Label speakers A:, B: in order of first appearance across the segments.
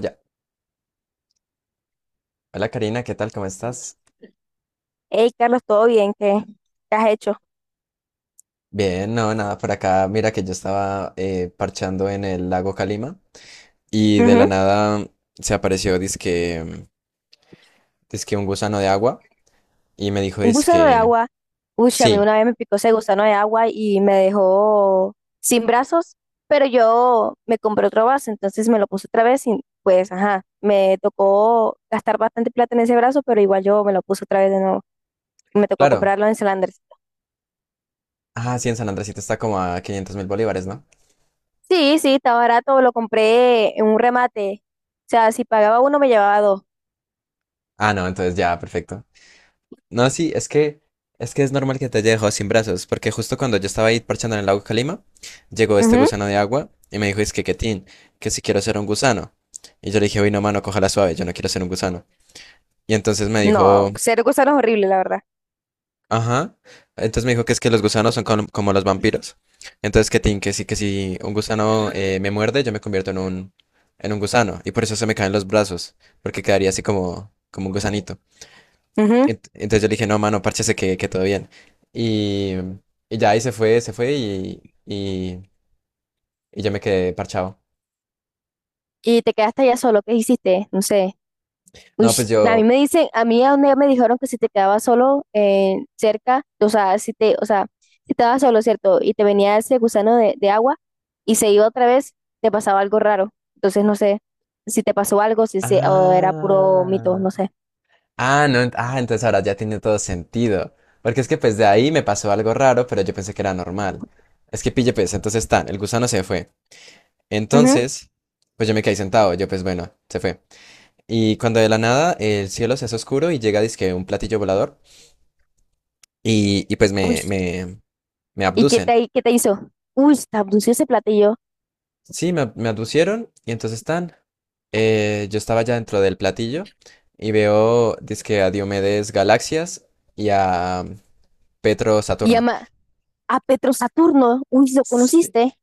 A: Ya. Hola Karina, ¿qué tal? ¿Cómo estás?
B: Hey, Carlos, ¿todo bien? ¿Qué has hecho?
A: Bien, no, nada, por acá. Mira que yo estaba parchando en el lago Calima y de la
B: Ujú.
A: nada se apareció dizque un gusano de agua y me dijo
B: Un gusano de
A: dizque,
B: agua. Uy, a mí
A: sí,
B: una vez me picó ese gusano de agua y me dejó sin brazos, pero yo me compré otro brazo, entonces me lo puse otra vez y pues, ajá, me tocó gastar bastante plata en ese brazo, pero igual yo me lo puse otra vez de nuevo. Me tocó
A: claro.
B: comprarlo en Selanders.
A: Ah, sí, en San Andresito está como a 500.000 bolívares, ¿no?
B: Sí, sí, estaba barato, lo compré en un remate. O sea, si pagaba uno, me llevaba dos.
A: Ah, no, entonces ya, perfecto. No, sí, es que es normal que te haya dejado sin brazos, porque justo cuando yo estaba ahí parchando en el lago Calima, llegó este
B: Ujú.
A: gusano de agua y me dijo, es que Ketín, que si quiero ser un gusano. Y yo le dije, uy, no, mano, cójala suave, yo no quiero ser un gusano. Y entonces me
B: No,
A: dijo,
B: cero gusanos horrible, la verdad.
A: ajá. Entonces me dijo que es que los gusanos son como los vampiros. Entonces Ketín, que sí, que si un gusano me muerde, yo me convierto en un gusano. Y por eso se me caen los brazos, porque quedaría así como, un gusanito.
B: Ujú.
A: Entonces yo le dije, no, mano, párchese que, todo bien. Y, ya ahí se fue y yo me quedé parchado.
B: Y te quedaste allá solo, ¿qué hiciste? No sé. Uy,
A: No, pues
B: a mí
A: yo.
B: me dicen, a mí a donde me dijeron que si te quedabas solo cerca, o sea, o sea, si estabas solo, ¿cierto? Y te venía ese gusano de agua y se iba otra vez, te pasaba algo raro. Entonces, no sé si te pasó algo, si se, o era puro mito,
A: Ah.
B: no sé.
A: Ah, no. Ah, entonces ahora ya tiene todo sentido. Porque es que pues de ahí me pasó algo raro, pero yo pensé que era normal. Es que pille, pues, entonces tan, el gusano se fue.
B: Ujú.
A: Entonces, pues yo me quedé sentado. Yo, pues bueno, se fue. Y cuando de la nada el cielo se hace oscuro y llega, dizque un platillo volador. Y, y pues
B: Uy,
A: me, me, me
B: ¿y qué
A: abducen.
B: te, qué te hizo? Uy, te abdució ese platillo.
A: Sí, me abducieron y entonces están. Yo estaba ya dentro del platillo y veo, dizque a Diomedes Galaxias y a Petro
B: Y
A: Saturno.
B: llama a Petro Saturno. Uy, ¿lo
A: Sí,
B: conociste?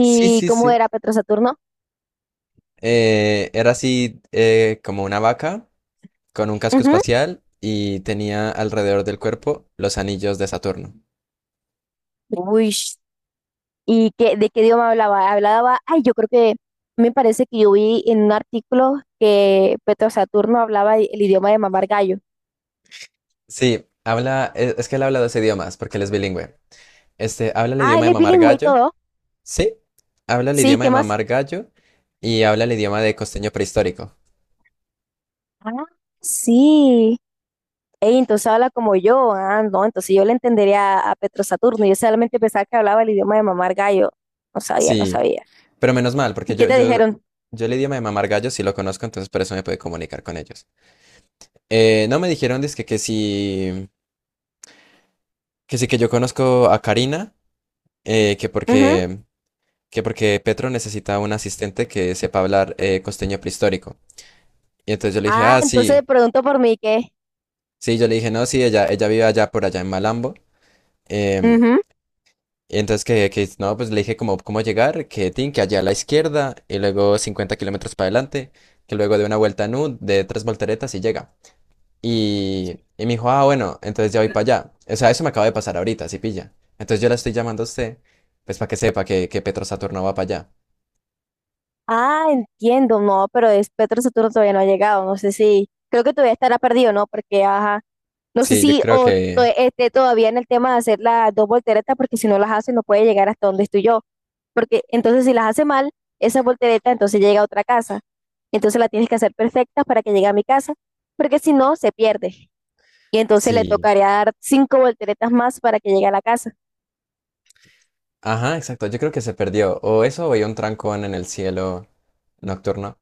A: sí, sí,
B: cómo
A: sí.
B: era Petro Saturno?
A: Era así como una vaca con un casco espacial y tenía alrededor del cuerpo los anillos de Saturno.
B: Uy, ¿de qué idioma hablaba? Ay, yo creo que me parece que yo vi en un artículo que Petro Saturno hablaba el idioma de mamar gallo.
A: Sí, habla, es que él habla dos idiomas porque él es bilingüe. Este, habla el
B: Ah,
A: idioma
B: él
A: de
B: es
A: mamar
B: bilingüe y
A: gallo.
B: todo.
A: Sí, habla el
B: Sí,
A: idioma
B: ¿qué
A: de
B: más?
A: mamar gallo y habla el idioma de costeño prehistórico.
B: Ah, sí. Ey, entonces habla como yo. Ah, no, entonces yo le entendería a Petro Saturno. Yo solamente pensaba que hablaba el idioma de mamar gallo. No sabía, no
A: Sí,
B: sabía.
A: pero menos mal,
B: ¿Y
A: porque
B: qué
A: yo,
B: te dijeron?
A: el idioma de mamar gallo sí lo conozco, entonces por eso me pude comunicar con ellos. No me dijeron dizque que sí, que yo conozco a Karina, que
B: Ujú.
A: porque, Petro necesita un asistente que sepa hablar costeño prehistórico. Y entonces yo le dije,
B: Ah,
A: ah,
B: entonces
A: sí,
B: pregunto por mí, ¿qué?
A: sí, yo le dije, no, sí, ella, vive allá por allá en Malambo. em, Y entonces que, no, pues le dije como cómo llegar, que tin, que allá a la izquierda y luego 50 kilómetros para adelante, que luego de una vuelta en U, de tres volteretas y llega. Me dijo, ah, bueno, entonces ya voy para allá. O sea, eso me acaba de pasar ahorita, si pilla. Entonces yo la estoy llamando a usted, pues para que sepa que, Petro Saturno va para allá.
B: Ah, entiendo, no, pero es Petro Saturno todavía no ha llegado, no sé si, creo que todavía estará perdido, ¿no? Porque, ajá, no sé
A: Sí, yo
B: si
A: creo que...
B: esté todavía en el tema de hacer las dos volteretas, porque si no las hace no puede llegar hasta donde estoy yo, porque entonces si las hace mal, esa voltereta entonces llega a otra casa, entonces la tienes que hacer perfecta para que llegue a mi casa, porque si no, se pierde, y entonces le
A: Sí.
B: tocaría dar cinco volteretas más para que llegue a la casa.
A: Ajá, exacto, yo creo que se perdió. O eso o hay un trancón en el cielo nocturno.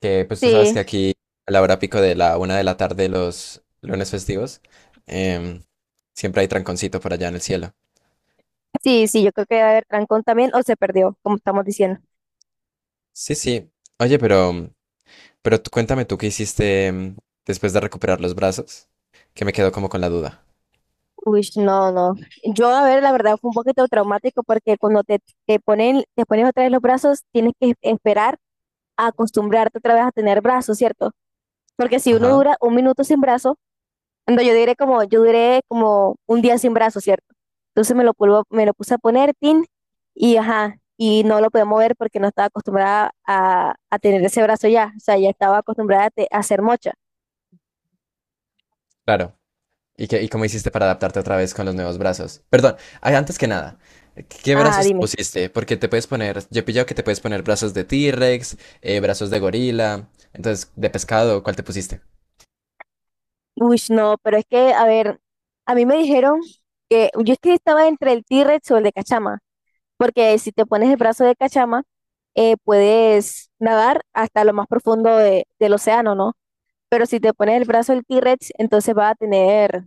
A: Que pues tú sabes
B: Sí,
A: que aquí a la hora pico de la 1 de la tarde los lunes festivos, em, siempre hay tranconcito por allá en el cielo.
B: sí, sí, yo creo que debe haber trancón también, o se perdió, como estamos diciendo.
A: Sí, sí. Oye, pero tú cuéntame tú qué hiciste después de recuperar los brazos, que me quedo como con la duda.
B: Uy, no, no. Yo, a ver, la verdad fue un poquito traumático porque cuando te pones otra vez los brazos, tienes que esperar a acostumbrarte otra vez a tener brazos, ¿cierto? Porque si uno
A: Ajá,
B: dura un minuto sin brazo, ando, yo diré como, yo duré como un día sin brazo, ¿cierto? Entonces me lo puse a poner, tin, y ajá, y no lo podía mover porque no estaba acostumbrada a tener ese brazo ya, o sea, ya estaba acostumbrada a hacer mocha.
A: claro. ¿Y qué, y cómo hiciste para adaptarte otra vez con los nuevos brazos? Perdón, ay, antes que nada, ¿qué
B: Ajá,
A: brazos te
B: dime.
A: pusiste? Porque te puedes poner, yo he pillado que te puedes poner brazos de T-Rex, brazos de gorila, entonces de pescado, ¿cuál te pusiste?
B: Uy, no, pero es que, a ver, a mí me dijeron que yo es que estaba entre el T-Rex o el de Cachama, porque si te pones el brazo de Cachama, puedes nadar hasta lo más profundo del océano, ¿no? Pero si te pones el brazo del T-Rex, entonces vas a tener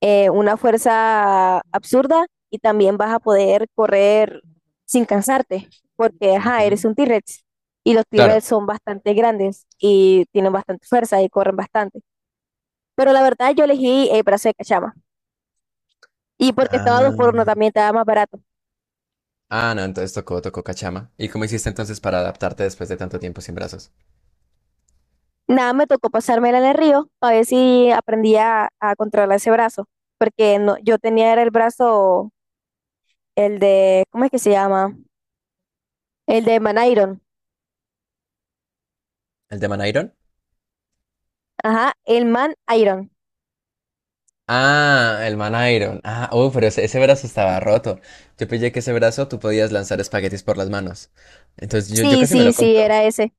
B: una fuerza absurda y también vas a poder correr sin cansarte, porque, ajá, eres
A: Ujú.
B: un T-Rex y los
A: Claro.
B: T-Rex son bastante grandes y tienen bastante fuerza y corren bastante. Pero la verdad yo elegí el brazo de cachama. Y porque estaba dos por uno
A: Ah,
B: también estaba más barato.
A: ah, no, entonces tocó cachama. ¿Y cómo hiciste entonces para adaptarte después de tanto tiempo sin brazos?
B: Nada, me tocó pasármela en el río a ver si aprendía a controlar ese brazo. Porque no, yo tenía era el brazo, el de, ¿cómo es que se llama? El de Man Iron.
A: ¿El de Man Iron?
B: Ajá, el Man Iron.
A: Ah, el Man Iron. Ah, oh, pero ese, brazo estaba roto. Yo pillé que ese brazo tú podías lanzar espaguetis por las manos. Entonces yo,
B: Sí,
A: casi me
B: sí,
A: lo
B: sí,
A: compro.
B: era ese.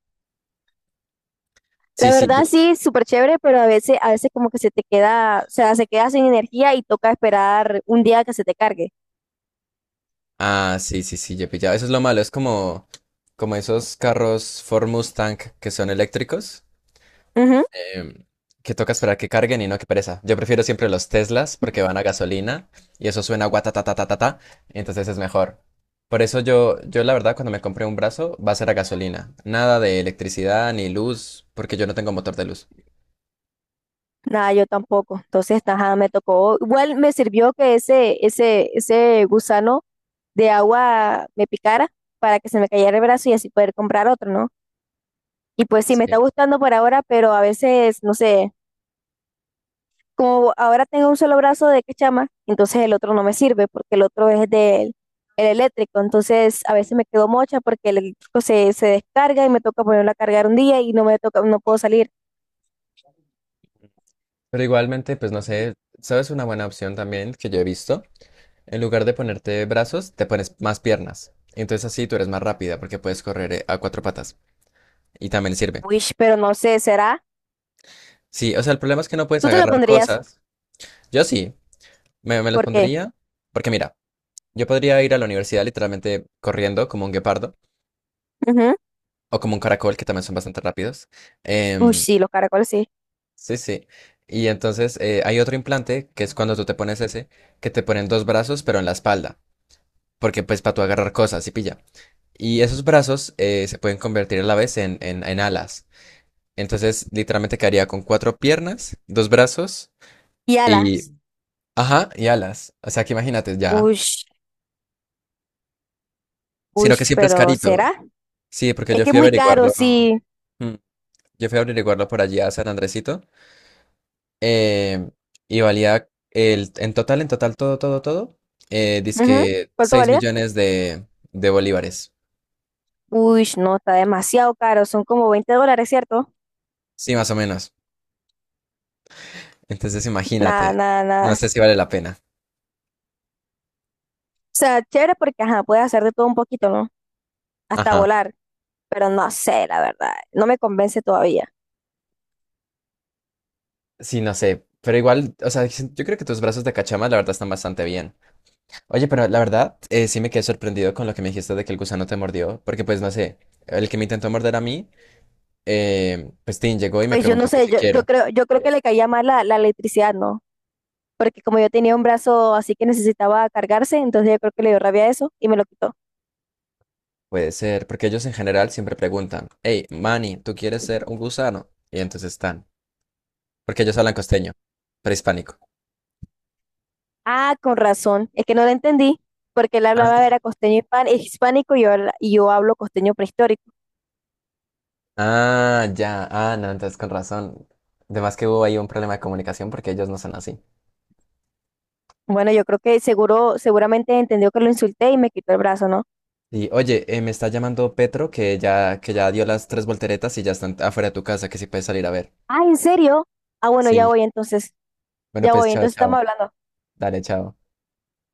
B: La
A: Sí, sí,
B: verdad sí, súper chévere, pero a veces como que se te queda, o sea, se queda sin energía y toca esperar un día que se te cargue.
A: Ah, sí, sí, sí, yo pillaba. Eso es lo malo, es como, esos carros Ford Mustang que son eléctricos.
B: Ujú.
A: em, que toca esperar que carguen y no que pereza. Yo prefiero siempre los Teslas porque van a gasolina y eso suena guatatatatata, entonces es mejor. Por eso yo, la verdad cuando me compré un brazo va a ser a gasolina. Nada de electricidad ni luz porque yo no tengo motor de luz.
B: Nada, yo tampoco. Entonces, ajá, me tocó. Igual me sirvió que ese gusano de agua me picara para que se me cayera el brazo y así poder comprar otro, ¿no? Y pues sí, me está
A: Sí.
B: gustando por ahora, pero a veces, no sé, como ahora tengo un solo brazo de quechama, entonces el otro no me sirve porque el otro es del el eléctrico. Entonces, a veces me quedo mocha porque el eléctrico se descarga y me toca ponerlo a cargar un día y no me toca, no puedo salir.
A: Pero igualmente, pues no sé, ¿sabes una buena opción también que yo he visto? En lugar de ponerte brazos, te pones más piernas. Entonces así tú eres más rápida porque puedes correr a cuatro patas. Y también sirve.
B: Wish, pero no sé, ¿será?
A: Sí, o sea, el problema es que no puedes
B: Tú te lo
A: agarrar
B: pondrías,
A: cosas. Yo sí, me los
B: ¿por qué?
A: pondría porque mira, yo podría ir a la universidad literalmente corriendo como un guepardo
B: Ujú.
A: o como un caracol, que también son bastante rápidos.
B: Ush,
A: Em,
B: sí, los caracoles sí.
A: sí, sí. Y entonces hay otro implante, que es cuando tú te pones ese, que te ponen dos brazos, pero en la espalda, porque pues para tú agarrar cosas y pilla. Y esos brazos se pueden convertir a la vez en alas. Entonces, literalmente quedaría con cuatro piernas, dos brazos
B: Y
A: y...
B: alas.
A: Ajá, y alas. O sea que imagínate ya.
B: Ush,
A: Sino que
B: ush,
A: siempre es
B: pero ¿será?
A: carito. Sí, porque
B: Es
A: yo
B: que es
A: fui a
B: muy caro,
A: averiguarlo.
B: sí.
A: mm, Yo fui a averiguarlo por allí a San Andresito. eh, y valía el, en total, todo, todo, todo.
B: Ujú.
A: Dizque
B: ¿Cuánto
A: 6
B: valía?
A: millones de bolívares.
B: Ush, no, está demasiado caro. Son como 20 dólares, ¿cierto?
A: Sí, más o menos. Entonces
B: Nada,
A: imagínate.
B: nada, nada.
A: No
B: O
A: sé si vale la pena.
B: sea, chévere porque, ajá, puedes hacer de todo un poquito, ¿no? Hasta
A: Ajá.
B: volar. Pero no sé, la verdad. No me convence todavía.
A: Sí, no sé. Pero igual, o sea, yo creo que tus brazos de cachama, la verdad, están bastante bien. Oye, pero la verdad, sí me quedé sorprendido con lo que me dijiste de que el gusano te mordió. Porque, pues, no sé, el que me intentó morder a mí. Pues Tim llegó y me
B: Pues yo no
A: preguntó que
B: sé,
A: si
B: yo, yo
A: quiero.
B: creo, yo creo que le caía mal la electricidad, ¿no? Porque como yo tenía un brazo así que necesitaba cargarse, entonces yo creo que le dio rabia a eso y me lo quitó.
A: Puede ser, porque ellos en general siempre preguntan, hey, Manny, ¿tú quieres ser un gusano? Y entonces están, porque ellos hablan costeño, prehispánico.
B: Ah, con razón. Es que no lo entendí, porque él
A: Ah,
B: hablaba era costeño hispánico y yo hablo costeño prehistórico.
A: ah, ya, ah, no, entonces con razón. Además que hubo ahí un problema de comunicación porque ellos no son así.
B: Bueno, yo creo que seguramente entendió que lo insulté y me quitó el brazo, ¿no?
A: Y oye, me está llamando Petro que ya, dio las tres volteretas y ya están afuera de tu casa, que si puedes salir a ver.
B: Ah, ¿en serio? Ah, bueno, ya
A: Sí.
B: voy entonces.
A: Bueno,
B: Ya
A: pues
B: voy,
A: chao,
B: entonces estamos
A: chao.
B: hablando.
A: Dale, chao.